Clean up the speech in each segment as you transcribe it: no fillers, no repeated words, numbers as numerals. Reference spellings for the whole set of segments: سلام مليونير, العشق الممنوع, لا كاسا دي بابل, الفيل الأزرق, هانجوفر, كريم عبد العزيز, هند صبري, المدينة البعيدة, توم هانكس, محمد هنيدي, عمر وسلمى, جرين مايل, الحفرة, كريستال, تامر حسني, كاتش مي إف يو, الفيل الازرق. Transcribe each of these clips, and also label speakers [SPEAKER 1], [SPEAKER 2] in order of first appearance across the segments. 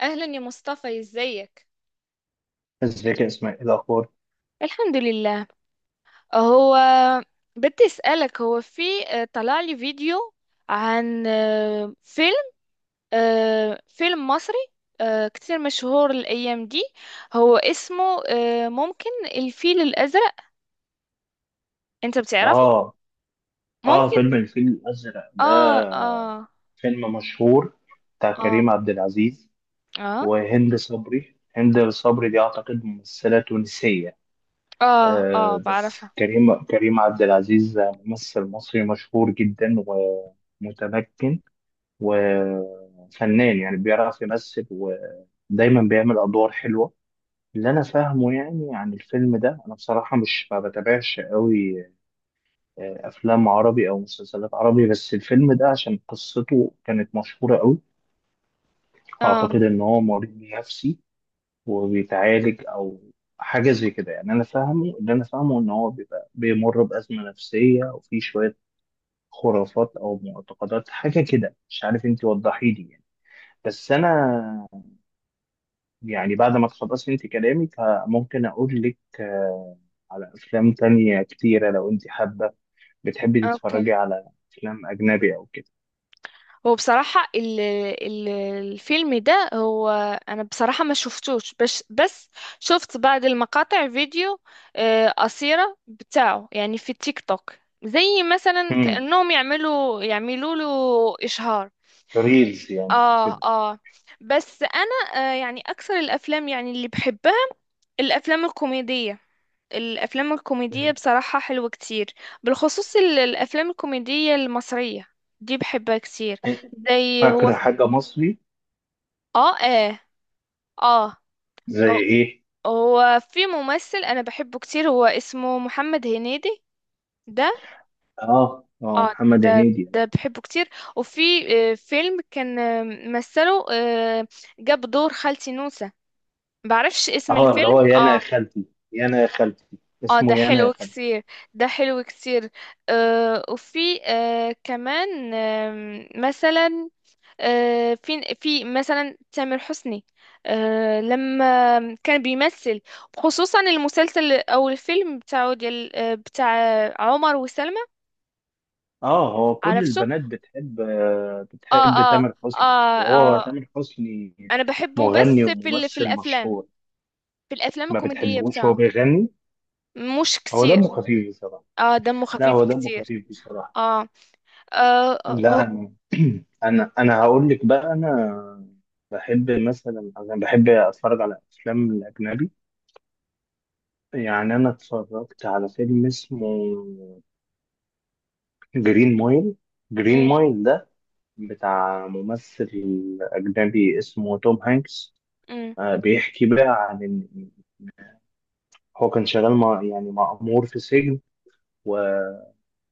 [SPEAKER 1] أهلا يا مصطفى، ازيك؟
[SPEAKER 2] ازيك يا اسماء، ايه الاخبار؟
[SPEAKER 1] الحمد لله. هو بدي أسألك. هو في، طلع لي فيديو عن فيلم، فيلم مصري كتير مشهور الأيام دي. هو اسمه، ممكن، الفيل الأزرق. أنت بتعرفه؟
[SPEAKER 2] اه. اه،
[SPEAKER 1] ممكن.
[SPEAKER 2] فيلم الفيل الازرق ده
[SPEAKER 1] آه آه
[SPEAKER 2] فيلم مشهور، بتاع
[SPEAKER 1] آه
[SPEAKER 2] كريم عبد العزيز
[SPEAKER 1] آه
[SPEAKER 2] وهند صبري. هند صبري دي اعتقد ممثله تونسيه.
[SPEAKER 1] آه آه،
[SPEAKER 2] بس
[SPEAKER 1] بعرفها.
[SPEAKER 2] كريم عبد العزيز ممثل مصري مشهور جدا ومتمكن وفنان، يعني بيعرف يمثل ودايما بيعمل ادوار حلوه. اللي انا فاهمه يعني عن الفيلم ده، انا بصراحه مش ما بتابعش قوي افلام عربي او مسلسلات عربي، بس الفيلم ده عشان قصته كانت مشهوره قوي.
[SPEAKER 1] آه.
[SPEAKER 2] اعتقد ان هو مريض نفسي وبيتعالج او حاجه زي كده. يعني انا فاهمه، اللي انا فاهمه ان هو بيبقى بيمر بازمه نفسيه وفي شويه خرافات او معتقدات، حاجه كده مش عارف. انت وضحي لي يعني. بس انا يعني بعد ما تخلصي انت كلامك ممكن اقول لك على افلام تانية كتيره لو انت حابه. بتحبي
[SPEAKER 1] أوكي.
[SPEAKER 2] تتفرجي على افلام اجنبي او
[SPEAKER 1] هو بصراحة ال ال الفيلم ده، هو أنا بصراحة ما شفتوش، بس شفت بعض المقاطع فيديو قصيرة بتاعه، يعني في التيك توك. زي مثلا
[SPEAKER 2] كده؟
[SPEAKER 1] كأنهم يعملوا له إشهار.
[SPEAKER 2] ريلز يعني او
[SPEAKER 1] آه
[SPEAKER 2] كده.
[SPEAKER 1] آه. بس أنا، يعني أكثر الأفلام يعني اللي بحبها الأفلام الكوميدية. الأفلام الكوميدية
[SPEAKER 2] مم.
[SPEAKER 1] بصراحة حلوة كتير، بالخصوص الأفلام الكوميدية المصرية. دي بحبها كتير. زي هو
[SPEAKER 2] فاكره حاجه مصري؟
[SPEAKER 1] اه اه اه هو
[SPEAKER 2] زي ايه؟
[SPEAKER 1] هو في ممثل انا بحبه كتير، هو اسمه محمد هنيدي، ده.
[SPEAKER 2] اه اه،
[SPEAKER 1] اه.
[SPEAKER 2] محمد
[SPEAKER 1] ده
[SPEAKER 2] هنيدي.
[SPEAKER 1] ده بحبه كتير. وفي فيلم كان مثله، جاب دور خالتي نوسة، بعرفش اسم
[SPEAKER 2] اه، اللي
[SPEAKER 1] الفيلم.
[SPEAKER 2] هو يا انا يا
[SPEAKER 1] اه
[SPEAKER 2] خالتي. يا انا يا خالتي.
[SPEAKER 1] اه. ده
[SPEAKER 2] اسمه يا انا يا
[SPEAKER 1] حلو
[SPEAKER 2] خالتي.
[SPEAKER 1] كتير، ده حلو كتير. وفي كمان، مثلا، في مثلا تامر حسني، لما كان بيمثل، خصوصا المسلسل او الفيلم بتاعه ديال بتاع عمر وسلمى.
[SPEAKER 2] اه، هو كل
[SPEAKER 1] عرفته.
[SPEAKER 2] البنات بتحب،
[SPEAKER 1] اه
[SPEAKER 2] بتحب
[SPEAKER 1] اه
[SPEAKER 2] تامر حسني.
[SPEAKER 1] اه
[SPEAKER 2] وهو
[SPEAKER 1] اه.
[SPEAKER 2] تامر حسني
[SPEAKER 1] انا بحبه،
[SPEAKER 2] مغني
[SPEAKER 1] بس في
[SPEAKER 2] وممثل
[SPEAKER 1] الافلام،
[SPEAKER 2] مشهور.
[SPEAKER 1] في الافلام
[SPEAKER 2] ما
[SPEAKER 1] الكوميدية
[SPEAKER 2] بتحبوش هو
[SPEAKER 1] بتاعه.
[SPEAKER 2] بيغني؟
[SPEAKER 1] مش
[SPEAKER 2] هو دمه
[SPEAKER 1] كتير.
[SPEAKER 2] خفيف بصراحه.
[SPEAKER 1] اه، دمه
[SPEAKER 2] لا
[SPEAKER 1] خفيف
[SPEAKER 2] هو دمه
[SPEAKER 1] كتير.
[SPEAKER 2] خفيف بصراحه.
[SPEAKER 1] اه اه اه.
[SPEAKER 2] لا
[SPEAKER 1] آه،
[SPEAKER 2] انا أنا هقول لك بقى. انا بحب مثلا، انا بحب اتفرج على افلام الاجنبي. يعني انا اتفرجت على فيلم اسمه جرين مايل. جرين
[SPEAKER 1] أمم،
[SPEAKER 2] مايل ده بتاع ممثل اجنبي اسمه توم هانكس.
[SPEAKER 1] أمم،
[SPEAKER 2] بيحكي بقى عن إن هو كان شغال مع، يعني مأمور في سجن. و-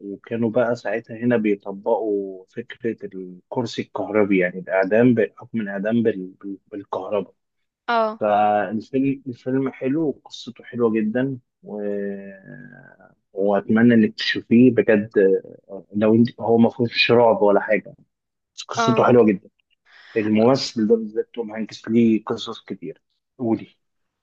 [SPEAKER 2] وكانوا بقى ساعتها هنا بيطبقوا فكرة الكرسي الكهربي، يعني الإعدام، بحكم الإعدام بالكهرباء.
[SPEAKER 1] اه
[SPEAKER 2] الفيلم حلو وقصته حلوة جدا، وأتمنى إنك تشوفيه بجد. لو انت، هو ما فيهوش رعب ولا حاجة، بس قصته
[SPEAKER 1] اه،
[SPEAKER 2] حلوة جدا. الممثل ده بالذات توم هانكس ليه قصص كتير. قولي.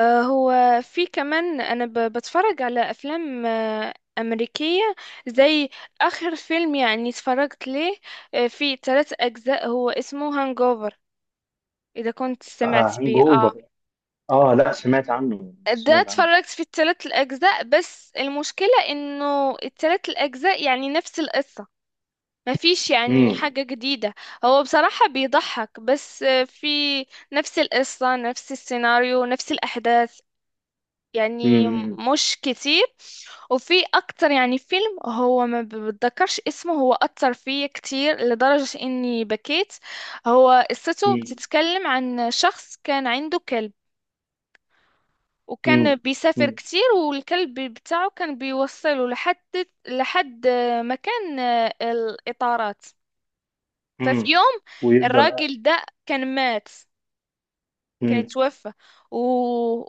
[SPEAKER 1] آه. هو في كمان انا بتفرج على افلام امريكيه. زي اخر فيلم يعني اتفرجت ليه، في ثلاث اجزاء، هو اسمه هانجوفر. اذا كنت
[SPEAKER 2] آه،
[SPEAKER 1] سمعت
[SPEAKER 2] هانج
[SPEAKER 1] بيه. اه.
[SPEAKER 2] أوفر. آه لا، سمعت عنه،
[SPEAKER 1] ده
[SPEAKER 2] سمعت عنه.
[SPEAKER 1] اتفرجت في الثلاث الاجزاء، بس المشكله انه الثلاث الاجزاء يعني نفس القصه، ما فيش يعني
[SPEAKER 2] مم.
[SPEAKER 1] حاجه جديده. هو بصراحه بيضحك، بس في نفس القصه، نفس السيناريو، نفس الاحداث يعني.
[SPEAKER 2] مم.
[SPEAKER 1] مش كتير. وفي اكتر يعني فيلم، هو ما بتذكرش اسمه، هو اثر فيا كتير لدرجة اني بكيت. هو قصته
[SPEAKER 2] مم.
[SPEAKER 1] بتتكلم عن شخص كان عنده كلب، وكان
[SPEAKER 2] مم.
[SPEAKER 1] بيسافر
[SPEAKER 2] مم.
[SPEAKER 1] كتير. والكلب بتاعه كان بيوصله لحد مكان الإطارات. ففي
[SPEAKER 2] مم.
[SPEAKER 1] يوم
[SPEAKER 2] ويفضل.
[SPEAKER 1] الراجل ده كان مات، كانت
[SPEAKER 2] مم.
[SPEAKER 1] توفى. و...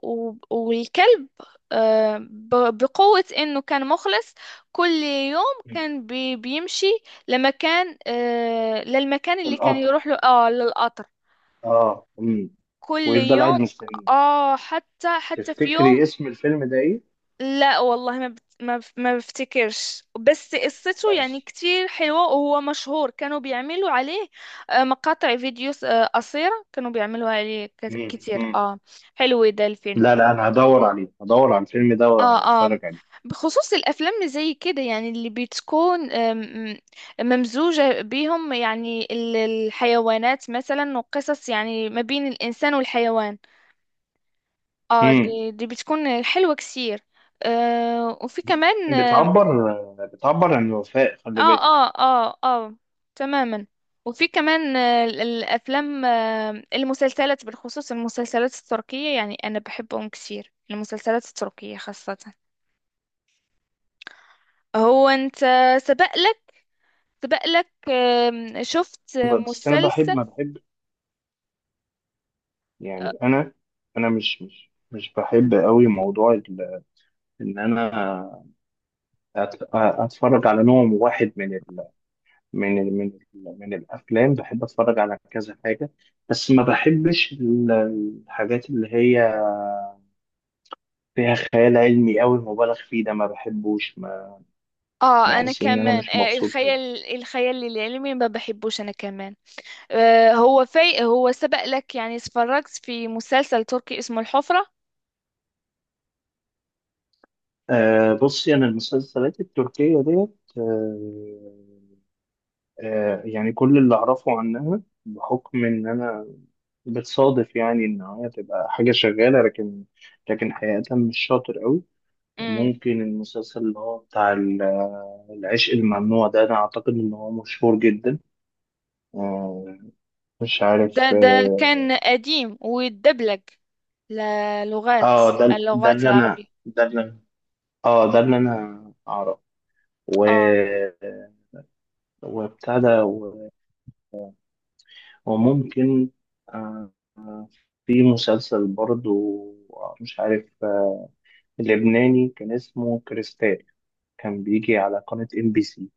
[SPEAKER 1] والكلب، بقوة انه كان مخلص. كل يوم
[SPEAKER 2] مم.
[SPEAKER 1] كان بيمشي لمكان، للمكان اللي كان
[SPEAKER 2] القطر.
[SPEAKER 1] يروح له، اه، للقطر،
[SPEAKER 2] آه مم.
[SPEAKER 1] كل
[SPEAKER 2] ويفضل قاعد
[SPEAKER 1] يوم.
[SPEAKER 2] مستني.
[SPEAKER 1] اه حتى في يوم.
[SPEAKER 2] تفتكري اسم الفيلم ده إيه؟
[SPEAKER 1] لا والله ما بت... ما بف- ما بفتكرش، بس قصته يعني
[SPEAKER 2] دبش.
[SPEAKER 1] كتير حلوة، وهو مشهور. كانوا بيعملوا عليه مقاطع فيديوز قصيرة، كانوا بيعملوا عليه
[SPEAKER 2] مم.
[SPEAKER 1] كتير.
[SPEAKER 2] مم.
[SPEAKER 1] اه. حلو ده الفيلم.
[SPEAKER 2] لا لا، انا هدور عليه، هدور على الفيلم ده
[SPEAKER 1] اه اه.
[SPEAKER 2] واتفرج عليه.
[SPEAKER 1] بخصوص الافلام اللي زي كده، يعني اللي بتكون ممزوجة بيهم، يعني الحيوانات مثلا، وقصص يعني ما بين الانسان والحيوان. اه،
[SPEAKER 2] مم.
[SPEAKER 1] دي بتكون حلوة كثير. وفي كمان.
[SPEAKER 2] بتعبر، بتعبر عن الوفاء،
[SPEAKER 1] اه
[SPEAKER 2] خلي بالك.
[SPEAKER 1] اه اه اه. آه، تماما. وفي كمان، الافلام، المسلسلات، بالخصوص المسلسلات التركية، يعني انا بحبهم كثير، المسلسلات التركية خاصة. هو انت سبق لك سبق لك شفت
[SPEAKER 2] بس انا بحب،
[SPEAKER 1] مسلسل؟
[SPEAKER 2] ما بحب
[SPEAKER 1] اه.
[SPEAKER 2] يعني. انا مش بحب قوي موضوع ان انا اتفرج على نوع واحد من ال من ال من ال من الافلام. بحب اتفرج على كذا حاجه، بس ما بحبش الحاجات اللي هي فيها خيال علمي قوي مبالغ فيه. ده ما بحبوش.
[SPEAKER 1] انا
[SPEAKER 2] بحس إن أنا
[SPEAKER 1] كمان،
[SPEAKER 2] مش مبسوط أوي.
[SPEAKER 1] الخيال العلمي ما بحبوش انا كمان. هو في، هو سبق لك يعني اتفرجت في مسلسل تركي اسمه الحفرة؟
[SPEAKER 2] أه بصي، أنا المسلسلات التركية ديت، أه أه، يعني كل اللي أعرفه عنها بحكم إن أنا بتصادف يعني إن هي تبقى حاجة شغالة، لكن لكن حقيقة مش شاطر أوي.
[SPEAKER 1] امم.
[SPEAKER 2] ممكن المسلسل اللي هو بتاع العشق الممنوع ده، أنا أعتقد إن هو مشهور جدا. أه، مش عارف.
[SPEAKER 1] ده كان
[SPEAKER 2] أه،
[SPEAKER 1] قديم، ويتدبلج للغات،
[SPEAKER 2] آه، ده ده
[SPEAKER 1] اللغات
[SPEAKER 2] اللي أنا
[SPEAKER 1] العربية.
[SPEAKER 2] ده اللي أنا- آه ده اللي أنا أعرفه. و،
[SPEAKER 1] اه
[SPEAKER 2] وبتاع ده، وممكن، آه، آه، في مسلسل برضو، مش عارف، لبناني كان اسمه كريستال، كان بيجي على قناة ام بي سي.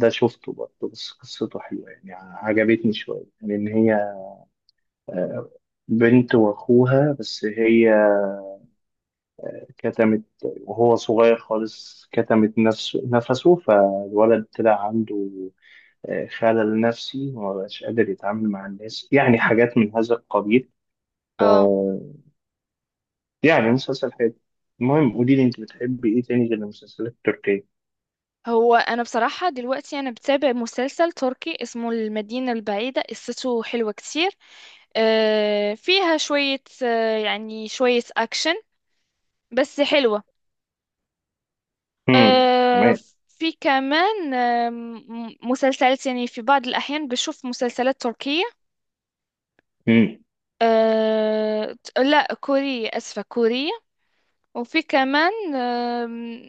[SPEAKER 2] ده شفته برضه، بس قصته حلوة يعني عجبتني شوية، لأن هي آه، بنت وأخوها، بس هي كتمت وهو صغير خالص، كتمت نفسه، فالولد طلع عنده خلل نفسي وما بقاش قادر يتعامل مع الناس، يعني حاجات من هذا القبيل. ف،
[SPEAKER 1] اه.
[SPEAKER 2] يعني مسلسل حلو. المهم قولي لي، انت بتحبي ايه تاني غير المسلسلات التركية؟
[SPEAKER 1] هو انا بصراحه دلوقتي انا بتابع مسلسل تركي اسمه المدينه البعيده، قصته حلوه كتير. فيها شويه، يعني شويه اكشن، بس حلوه.
[SPEAKER 2] امم،
[SPEAKER 1] آه،
[SPEAKER 2] تمام.
[SPEAKER 1] في كمان مسلسلات، يعني في بعض الاحيان بشوف مسلسلات تركيه،
[SPEAKER 2] امم.
[SPEAKER 1] لا كورية، اسفه، كورية. وفي كمان،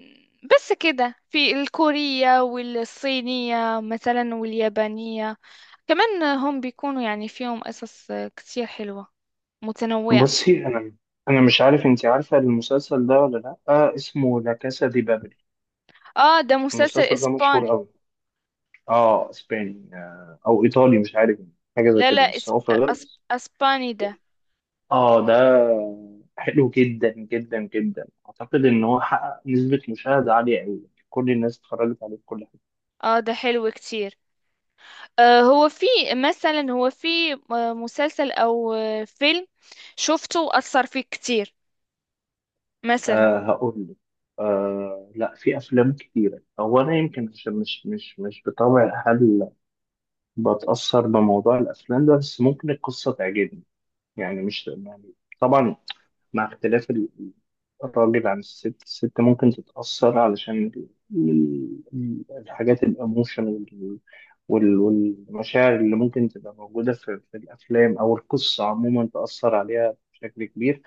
[SPEAKER 1] بس كده، في الكورية والصينية مثلا واليابانية كمان، هم بيكونوا يعني فيهم قصص كتير حلوة متنوعة.
[SPEAKER 2] بصي انا، انا مش عارف انت عارفة المسلسل ده ولا لا، آه اسمه لا كاسا دي بابل.
[SPEAKER 1] اه، ده مسلسل
[SPEAKER 2] المسلسل ده مشهور
[SPEAKER 1] اسباني.
[SPEAKER 2] قوي. اه اسباني، آه او ايطالي مش عارف، حاجة زي
[SPEAKER 1] لا لا،
[SPEAKER 2] كده، بس هو في الغرب.
[SPEAKER 1] اسباني ده.
[SPEAKER 2] اه ده حلو جدا جدا جدا. اعتقد ان هو حقق نسبة مشاهدة عالية قوي، كل الناس اتفرجت عليه في كل حتة.
[SPEAKER 1] اه، ده حلو كتير. هو في، مثلا هو في مسلسل او فيلم شفته اثر فيك كتير مثلا.
[SPEAKER 2] آه هقول لك. آه، لا في افلام كتيرة. هو انا يمكن عشان مش بطبع هل بتأثر بموضوع الافلام ده، بس ممكن القصة تعجبني. يعني مش يعني، طبعا مع اختلاف الراجل عن الست. الست ممكن تتأثر علشان الحاجات الاموشن والمشاعر اللي ممكن تبقى موجودة في، في الأفلام أو القصة عموما، تأثر عليها بشكل كبير.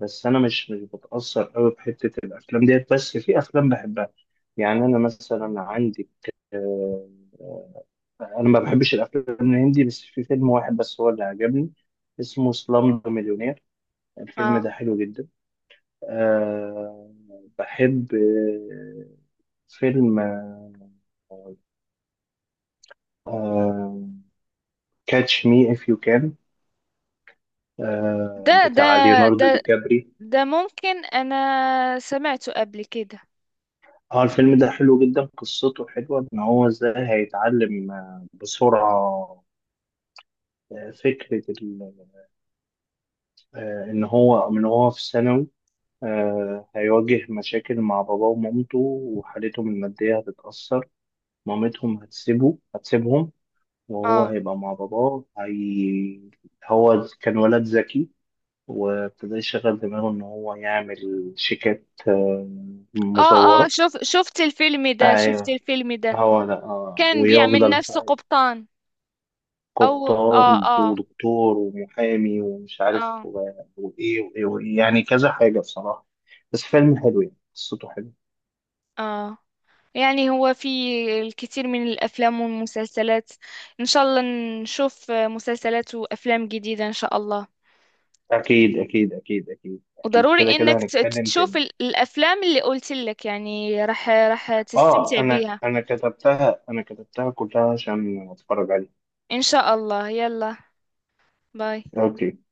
[SPEAKER 2] بس أنا مش بتأثر أوي بحتة الأفلام ديت، بس في أفلام بحبها. يعني أنا مثلا عندي، آه، أنا ما بحبش الأفلام الهندي، بس في فيلم واحد بس هو اللي عجبني، اسمه سلام مليونير. الفيلم
[SPEAKER 1] اه،
[SPEAKER 2] ده حلو جدا. أه، بحب فيلم أه، كاتش مي إف يو كان،
[SPEAKER 1] ده ده
[SPEAKER 2] بتاع ليوناردو دي
[SPEAKER 1] ده
[SPEAKER 2] كابري.
[SPEAKER 1] ده ممكن انا سمعته قبل كده.
[SPEAKER 2] اه، الفيلم ده حلو جدا، قصته حلوة. ان هو ازاي هيتعلم بسرعة فكرة ان هو من، هو في ثانوي، هيواجه مشاكل مع باباه ومامته، وحالتهم المادية هتتأثر، مامتهم هتسيبه هتسيبهم. وهو
[SPEAKER 1] اه
[SPEAKER 2] هيبقى مع باباه. هو كان ولد ذكي، وابتدى يشغل دماغه ان هو يعمل شيكات
[SPEAKER 1] اه اه،
[SPEAKER 2] مزورة.
[SPEAKER 1] شوف، شفت الفيلم ده، شفت
[SPEAKER 2] ايوه.
[SPEAKER 1] الفيلم ده،
[SPEAKER 2] هو لا
[SPEAKER 1] كان بيعمل
[SPEAKER 2] ويفضل
[SPEAKER 1] نفسه
[SPEAKER 2] بقى
[SPEAKER 1] قبطان. او. اه
[SPEAKER 2] قبطان
[SPEAKER 1] اه
[SPEAKER 2] ودكتور ومحامي ومش عارف
[SPEAKER 1] اه
[SPEAKER 2] وإيه وإيه وإيه، يعني كذا حاجة بصراحة، بس فيلم حلو، يعني قصته حلوة.
[SPEAKER 1] اه. يعني هو في الكثير من الافلام والمسلسلات، ان شاء الله نشوف مسلسلات وافلام جديدة ان شاء الله.
[SPEAKER 2] أكيد أكيد أكيد أكيد أكيد،
[SPEAKER 1] وضروري
[SPEAKER 2] كده
[SPEAKER 1] انك
[SPEAKER 2] كده هنتكلم
[SPEAKER 1] تشوف
[SPEAKER 2] تاني.
[SPEAKER 1] الافلام اللي قلت لك، يعني راح
[SPEAKER 2] آه،
[SPEAKER 1] تستمتع
[SPEAKER 2] أنا
[SPEAKER 1] بيها.
[SPEAKER 2] أنا كتبتها، أنا كتبتها كلها عشان أتفرج عليها.
[SPEAKER 1] ان شاء الله، يلا، باي.
[SPEAKER 2] أوكي.